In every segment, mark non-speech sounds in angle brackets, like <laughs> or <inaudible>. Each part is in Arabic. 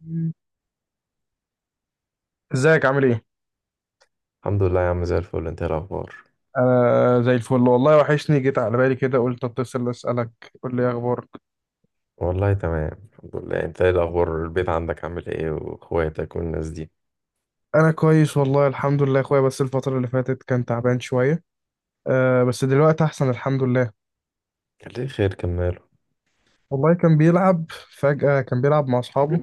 مم. ازيك عامل ايه؟ الحمد لله يا عم زي الفل. انت ايه الاخبار؟ انا زي الفل والله وحشني، جيت على بالي كده قلت اتصل اسالك. قول لي إيه اخبارك. والله تمام الحمد لله. انت ايه الاخبار؟ البيت عندك عامل ايه؟ واخواتك والناس دي انا كويس والله الحمد لله يا اخويا، بس الفتره اللي فاتت كان تعبان شويه. أه، بس دلوقتي احسن الحمد لله. كان ليه خير؟ كملوا. والله كان بيلعب، فجاه كان بيلعب مع اصحابه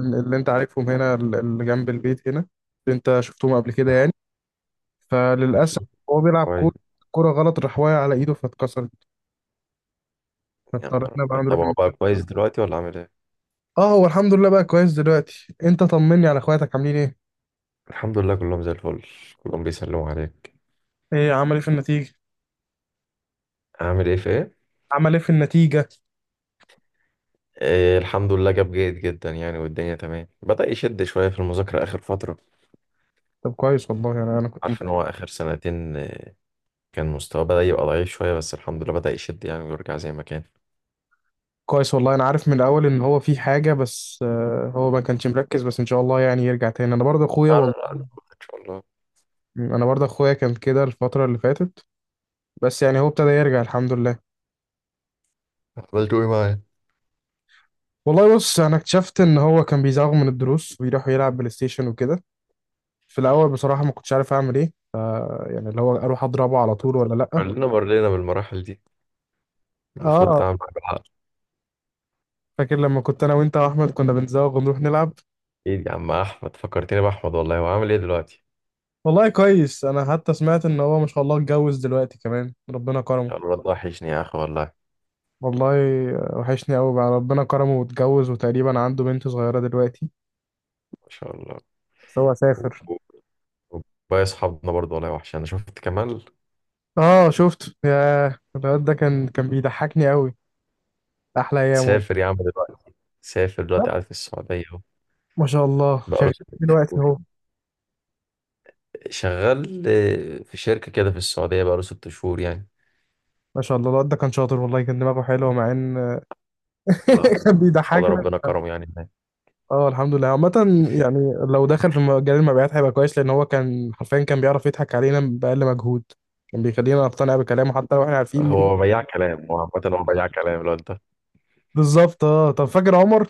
اللي انت عارفهم هنا، اللي جنب البيت هنا، اللي انت شفتهم قبل كده يعني. اه، فللاسف اكيد. هو بيلعب كويس. كوره، كرة غلط راح واقع على ايده فاتكسرت، يا نهار فاضطرينا بقى ابيض، طب نروح. هو بقى كويس دلوقتي ولا عامل ايه؟ اه، هو الحمد لله بقى كويس دلوقتي. انت طمني على اخواتك عاملين ايه. الحمد لله كلهم زي الفل. كلهم بيسلموا عليك. ايه عمل ايه في النتيجة؟ عامل ايه في ايه؟ عمل ايه في النتيجة؟ اه، الحمد لله جاب جيد جدا يعني، والدنيا تمام. بدأ يشد شوية في المذاكرة آخر فترة. طب كويس والله. انا كنت مت... عارف إن هو آخر سنتين، كان مستواه بدأ يبقى ضعيف شوية، بس الحمد لله بدأ يشد يعني ويرجع زي ما كان. كويس والله انا عارف من الاول ان هو في حاجة، بس هو ما كانش مركز، بس ان شاء الله يعني يرجع تاني. انا برضه اخويا لا والله، لا. لا، إن شاء الله. انا برضه اخويا كان كده الفترة اللي فاتت، بس يعني هو ابتدى يرجع الحمد لله. أفضل تقول معايا. والله بص، انا اكتشفت ان هو كان بيزاغ من الدروس ويروح يلعب بلاي ستيشن وكده. في الاول بصراحة ما كنتش عارف اعمل ايه، يعني اللي هو اروح اضربه على طول ولا لا. كلنا مرينا بالمراحل دي. المفروض اه، تعمل حاجة حق. فاكر لما كنت انا وانت واحمد كنا بنزاغ ونروح نلعب. ايه يا عم احمد، فكرتني باحمد والله. هو عامل ايه دلوقتي؟ والله كويس، انا حتى سمعت ان هو ما شاء الله اتجوز دلوقتي كمان، ربنا ما كرمه. شاء الله الواد وحشني يا اخي والله. والله وحشني قوي بقى، ربنا كرمه واتجوز وتقريبا عنده بنت صغيرة دلوقتي، ما شاء الله. بس هو و- سافر. و- وباقي اصحابنا برضه والله وحش. انا شفت كمال. اه شفت يا، الواد ده كان بيضحكني قوي، احلى ايام والله. سافر يا عم دلوقتي. سافر دلوقتي، طب، قاعد في السعودية اهو. ما شاء الله بقاله شغال ست دلوقتي شهور اهو. شغال. في شركة كده في السعودية، بقاله 6 شهور يعني. ما شاء الله الواد ده كان شاطر والله، كان دماغه حلوة مع ان آه. ان <laughs> كان شاء الله بيضحكنا. ربنا كرمه يعني هناك. اه الحمد لله عامة. يعني لو دخل في مجال المبيعات هيبقى كويس، لأن هو كان حرفيا كان بيعرف يضحك علينا بأقل مجهود، كان بيخلينا نقتنع بكلامه حتى لو احنا عارفين مين. هو بياع كلام. هو عامة هو بياع كلام الواد ده. بالظبط. اه طب فاكر عمر؟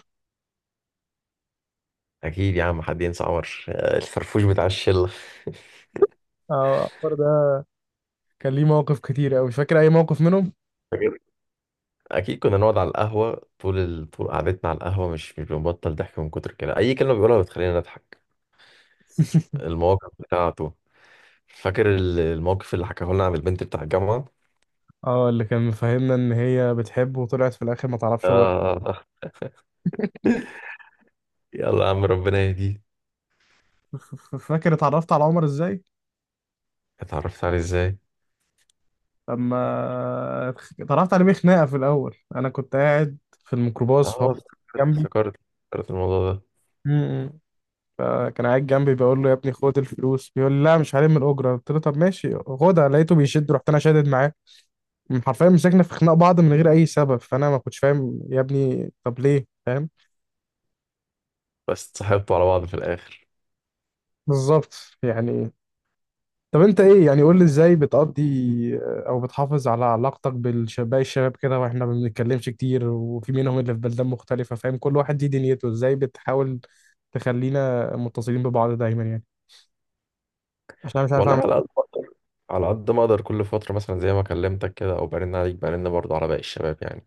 اكيد يا عم، حد ينسى عمر؟ الفرفوش بتاع الشلة. اه عمر ده كان ليه مواقف كتير أوي، مش فاكر أي موقف منهم؟ فاكر- اكيد كنا نقعد على القهوه طول طول قعدتنا على القهوه. مش بنبطل ضحك من كتر كده. اي كلمه بيقولها بتخلينا نضحك. المواقف بتاعته. فاكر الموقف اللي حكاه لنا عن البنت بتاع الجامعه؟ اه اللي كان مفهمنا إن هي بتحبه وطلعت في الآخر ما تعرفش هو. آه. يلا يا عم ربنا يهديه. فاكر اتعرفت على عمر إزاي؟ اتعرفت عليه ازاي؟ لما اتعرفت عليه بخناقة في الأول، أنا كنت قاعد في الميكروباص اه، فهو افتكرت الموضوع ده. جنبي، فكان قاعد جنبي بقول له يا ابني خد الفلوس، بيقول لي لا مش هلم من الاجره، قلت له طب ماشي خدها، لقيته بيشد، رحت انا شادد معاه. حرفيا مسكنا في خناق بعض من غير اي سبب، فانا ما كنتش فاهم يا ابني طب ليه فاهم. بس اتصاحبتوا على بعض في الاخر. بالظبط يعني. طب انت ايه يعني، قول لي ازاي بتقضي او بتحافظ على علاقتك بالشباب، الشباب كده واحنا ما بنتكلمش كتير، وفي منهم اللي في بلدان مختلفه فاهم، كل واحد ليه دنيته، ازاي بتحاول تخلينا متصلين ببعض دايما يعني؟ عشان انا مش عارف والله اعمل على قد ايه. ما اقدر. على قد ما اقدر، كل فتره مثلا زي ما كلمتك كده، او برن عليك، برن برضه على باقي الشباب يعني.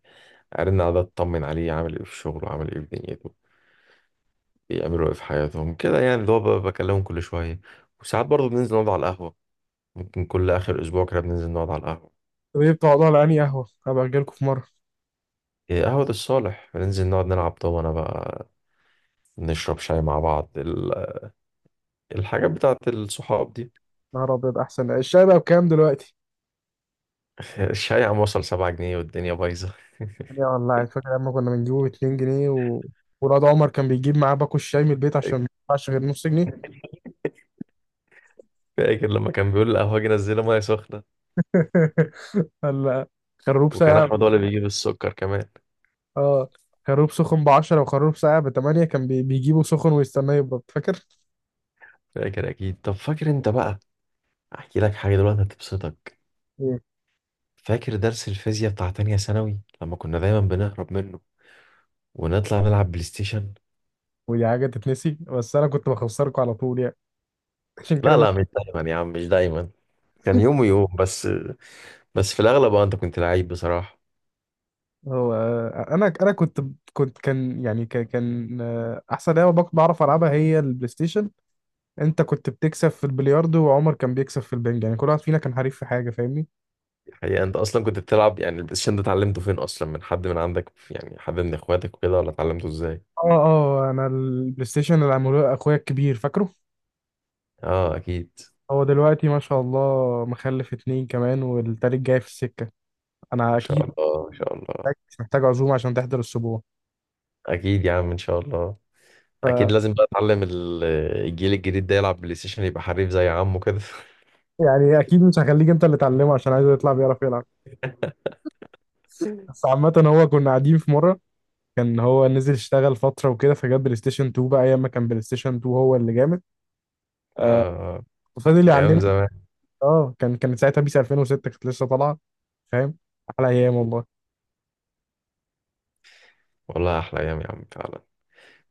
ارن على ده اطمن عليه عامل ايه في الشغل، وعامل ايه في دنيته. بيعملوا ايه في حياتهم كده يعني. اللي هو بكلمهم كل شوية. وساعات برضه بننزل نقعد على القهوة. ممكن كل آخر أسبوع كده بننزل نقعد على القهوة. طب ايه بتقعدوا على انهي قهوه، هبقى اجيلكوا في مره. إيه، قهوة الصالح بننزل نقعد نلعب دومنة بقى. نشرب شاي مع بعض، الحاجات بتاعت الصحاب دي. نهار ابيض، احسن الشاي بقى بكام دلوقتي؟ <laughs> الشاي عم وصل 7 جنيه، والدنيا بايظة. يا والله فاكر لما كنا بنجيبه ب 2 جنيه و... ولاد عمر كان بيجيب معاه باكو الشاي من البيت عشان ما يدفعش غير نص جنيه. <laughs> فاكر لما كان بيقول القهوة جه نزلها مية سخنة. <laughs> ولا خروب وكان ساقع. أحمد هو اللي بيجيب السكر كمان. اه خروب سخن ب 10 وخروب ساقع ب 8، كان بيجيبه سخن ويستناه يبرد، فاكر؟ فاكر أكيد. طب فاكر أنت بقى، أحكي لك حاجة دلوقتي هتبسطك. إيه. فاكر درس الفيزياء بتاع تانية ثانوي لما كنا دايما بنهرب منه ونطلع نلعب بلاي ستيشن؟ ودي حاجه تتنسي، بس انا كنت بخسركم على طول يعني. <laughs> عشان كده لا ما... لا، مش دايما يا عم، مش دايما. كان يوم ويوم بس. بس في الاغلب، انت كنت لعيب بصراحه. هو انا كنت كنت كان يعني كان كان، آه، احسن لعبه بعرف العبها هي البلاي ستيشن. انت كنت بتكسب في البلياردو وعمر كان بيكسب في البنج، يعني كل واحد فينا كان حريف في حاجه فاهمني. الحقيقه انت اصلا كنت بتلعب. يعني البلاي ستيشن ده اتعلمته فين اصلا؟ من حد من عندك يعني، حد من اخواتك وكده؟ ولا اتعلمته ازاي؟ اه انا البلاي ستيشن اللي عملوه اخويا الكبير، فاكره؟ اه، اكيد. هو دلوقتي ما شاء الله مخلف اتنين كمان والتالت جاي في السكه. انا ما شاء اكيد الله ما شاء الله. محتاج عزومه عشان تحضر السبوع، اكيد يا عم ان شاء الله. اكيد لازم بقى اتعلم الجيل الجديد ده يلعب بلاي ستيشن، يبقى حريف زي عمه كده. يعني اكيد مش هخليك انت اللي تعلمه عشان عايزه يطلع بيعرف يلعب. <laughs> اه. بس عامه، هو كنا قاعدين في مره، كان هو نزل اشتغل فتره وكده، فجاب بلاي ستيشن 2، بقى ايام ما كان بلاي ستيشن 2 هو اللي جامد. آه، آه. فضل ايام يعلمني. زمان. اه كانت ساعتها بيس 2006 كانت لسه طالعه فاهم. احلى ايام والله. والله احلى ايام يا عم فعلا.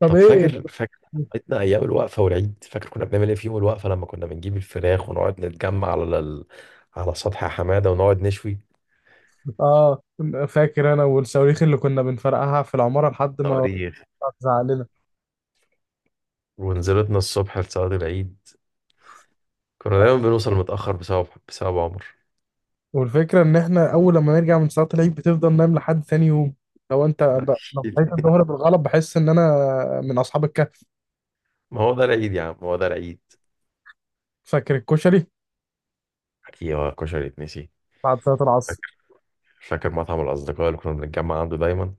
طب طب ايه. <laughs> فاكر عيدنا ايام الوقفه والعيد. فاكر كنا بنعمل ايه في يوم الوقفه لما كنا بنجيب الفراخ ونقعد نتجمع على على سطح حماده ونقعد نشوي اه، فاكر انا والصواريخ اللي كنا بنفرقعها في العماره لحد ما طريخ. تزعق لنا. ونزلتنا الصبح لصلاه العيد. كنا دايما بنوصل متاخر بسبب عمر. والفكره ان احنا اول لما نرجع من صلاه العيد بتفضل نايم لحد ثاني يوم. لو انت لو أكيد. صحيت الظهر بالغلط بحس ان انا من اصحاب الكهف. ما هو ده العيد يا عم، هو ده العيد. فاكر الكشري ايوه، كشري اتنسي. بعد صلاه العصر؟ فاكر. فاكر مطعم الاصدقاء اللي كنا بنتجمع عنده دايما.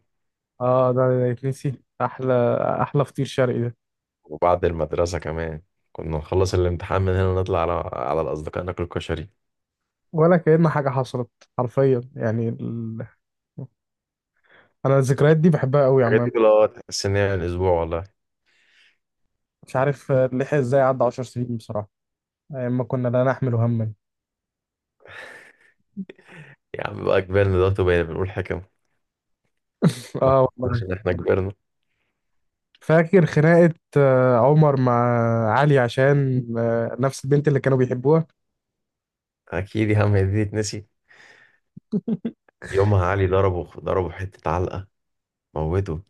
اه ده يتنسي، احلى فطير شرقي ده. وبعد المدرسه كمان كنا نخلص الامتحان من هنا ونطلع على الاصدقاء ناكل كشري. ولا كأن حاجه حصلت حرفيا، يعني ال... انا الذكريات دي بحبها قوي الحاجات عامه. دي كلها تحس ان هي من اسبوع والله. مش عارف لحق ازاي عدى 10 سنين بصراحة، أيام ما كنا لا نحمل هما. يا عم بقى كبرنا دلوقتي، وبقينا بنقول حكم. <laughs> ما اه فكرناش والله. ان احنا كبرنا. فاكر خناقة عمر مع علي عشان نفس البنت اللي كانوا بيحبوها؟ اكيد يا عم، هي دي تتنسي؟ يومها علي ضربه ضربه حته علقه موته.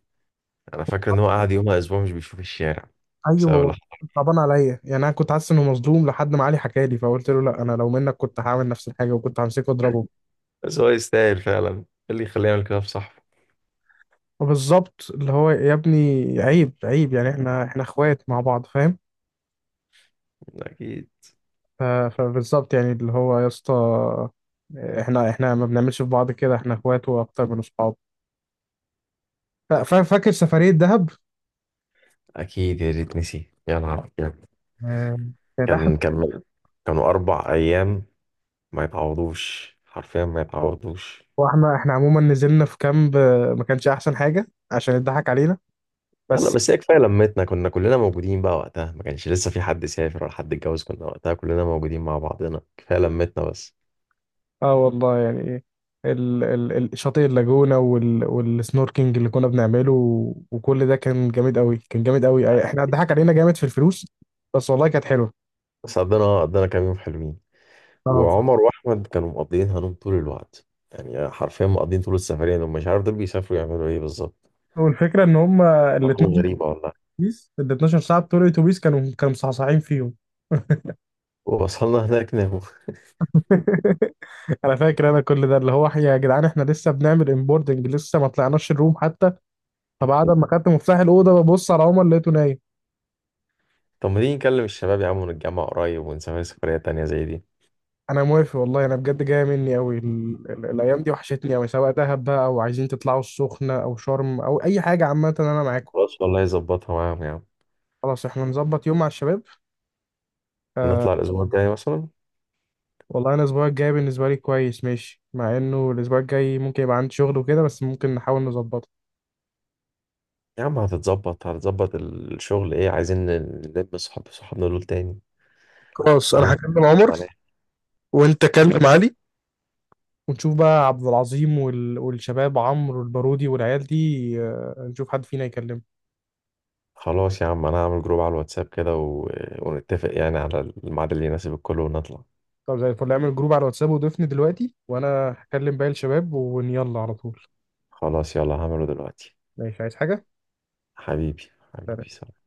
انا فاكر ان هو قعد يومها اسبوع مش بيشوف الشارع بسبب اللي ايوه حصل. كنت صعبان عليا، يعني انا كنت حاسس انه مظلوم لحد ما علي حكى لي، فقلت له لا انا لو منك كنت هعمل نفس الحاجه، وكنت همسكه واضربه. بس هو يستاهل فعلا. إيه اللي يخليه يعمل كده في صاحبه؟ بالظبط، اللي هو يا ابني عيب، يعني احنا اخوات مع بعض فاهم. اكيد. فبالظبط يعني، اللي هو يا اسطى، احنا ما بنعملش في بعض كده، احنا اخوات واكتر من اصحاب. فاكر سفرية دهب؟ اكيد يا ريت نسي. يا نهار أبيض. آه، كانت أحلى. كان كان كانوا 4 ايام، ما يتعوضوش، حرفيا ما يتعوضوش. واحنا عموما نزلنا في كامب، ما كانش أحسن حاجة عشان اتضحك علينا، لا، بس. بس هي كفايه لمتنا. كنا كلنا موجودين بقى وقتها. ما كانش لسه في حد سافر ولا حد اتجوز. كنا وقتها كلنا موجودين مع بعضنا. كفايه لمتنا بس. اه والله يعني شاطئ اللاجونة، وال والسنوركينج اللي كنا بنعمله، وكل ده كان جامد قوي، كان جامد قوي. أي- احنا اتضحك علينا جامد في الفلوس، بس والله كانت حلوه. بس قضينا كام يوم حلوين. اه بصراحة. وعمر واحمد كانوا مقضيين هنوم طول الوقت. يعني حرفيا مقضيين طول السفريه. دول مش عارف دول بيسافروا يعملوا ايه بالظبط. والفكرة ان هم ال أرقام 12، غريبه والله. اتوبيس ال 12 ساعة بتوع الاتوبيس كانوا مصحصحين فيهم. ووصلنا هناك ناموا. <laughs> انا فاكر انا كل ده، اللي هو يا جدعان احنا لسه بنعمل امبوردنج، لسه ما طلعناش الروم حتى. فبعد ما خدت مفتاح الاوضه ببص على عمر لقيته نايم. <laughs> طب ما تيجي نكلم الشباب يا عم، ونتجمع قريب، ونسافر سفريه تانيه زي دي. انا موافق والله، انا بجد جايه مني قوي ال... ال... الايام دي وحشتني قوي، سواء دهب بقى، او عايزين تطلعوا السخنه، او شرم، او اي حاجه، عامه انا معاكم. خلاص والله، يظبطها معاهم يا عم. خلاص احنا نظبط يوم مع الشباب. آه. نطلع الاسبوع الجاي مثلا. والله انا الاسبوع الجاي بالنسبه لي كويس ماشي، مع انه الاسبوع الجاي ممكن يبقى عندي شغل وكده، بس ممكن نحاول نظبطه. يا عم هتتظبط. الشغل ايه؟ عايزين نلم صحابنا دول تاني. خلاص انا بقالنا هكلم عمر عليه. وانت كلم علي، ونشوف بقى عبد العظيم وال... والشباب عمرو والبارودي والعيال دي، نشوف حد فينا يكلمه. خلاص يا عم، انا هعمل جروب على الواتساب كده ونتفق يعني على الميعاد اللي يناسب الكل ونطلع. طب زي الفل، اعمل جروب على الواتساب وضيفني دلوقتي، وانا هكلم باقي الشباب ويلا على طول. خلاص يلا هعمله دلوقتي. ماشي، عايز حاجة؟ حبيبي حبيبي سلام.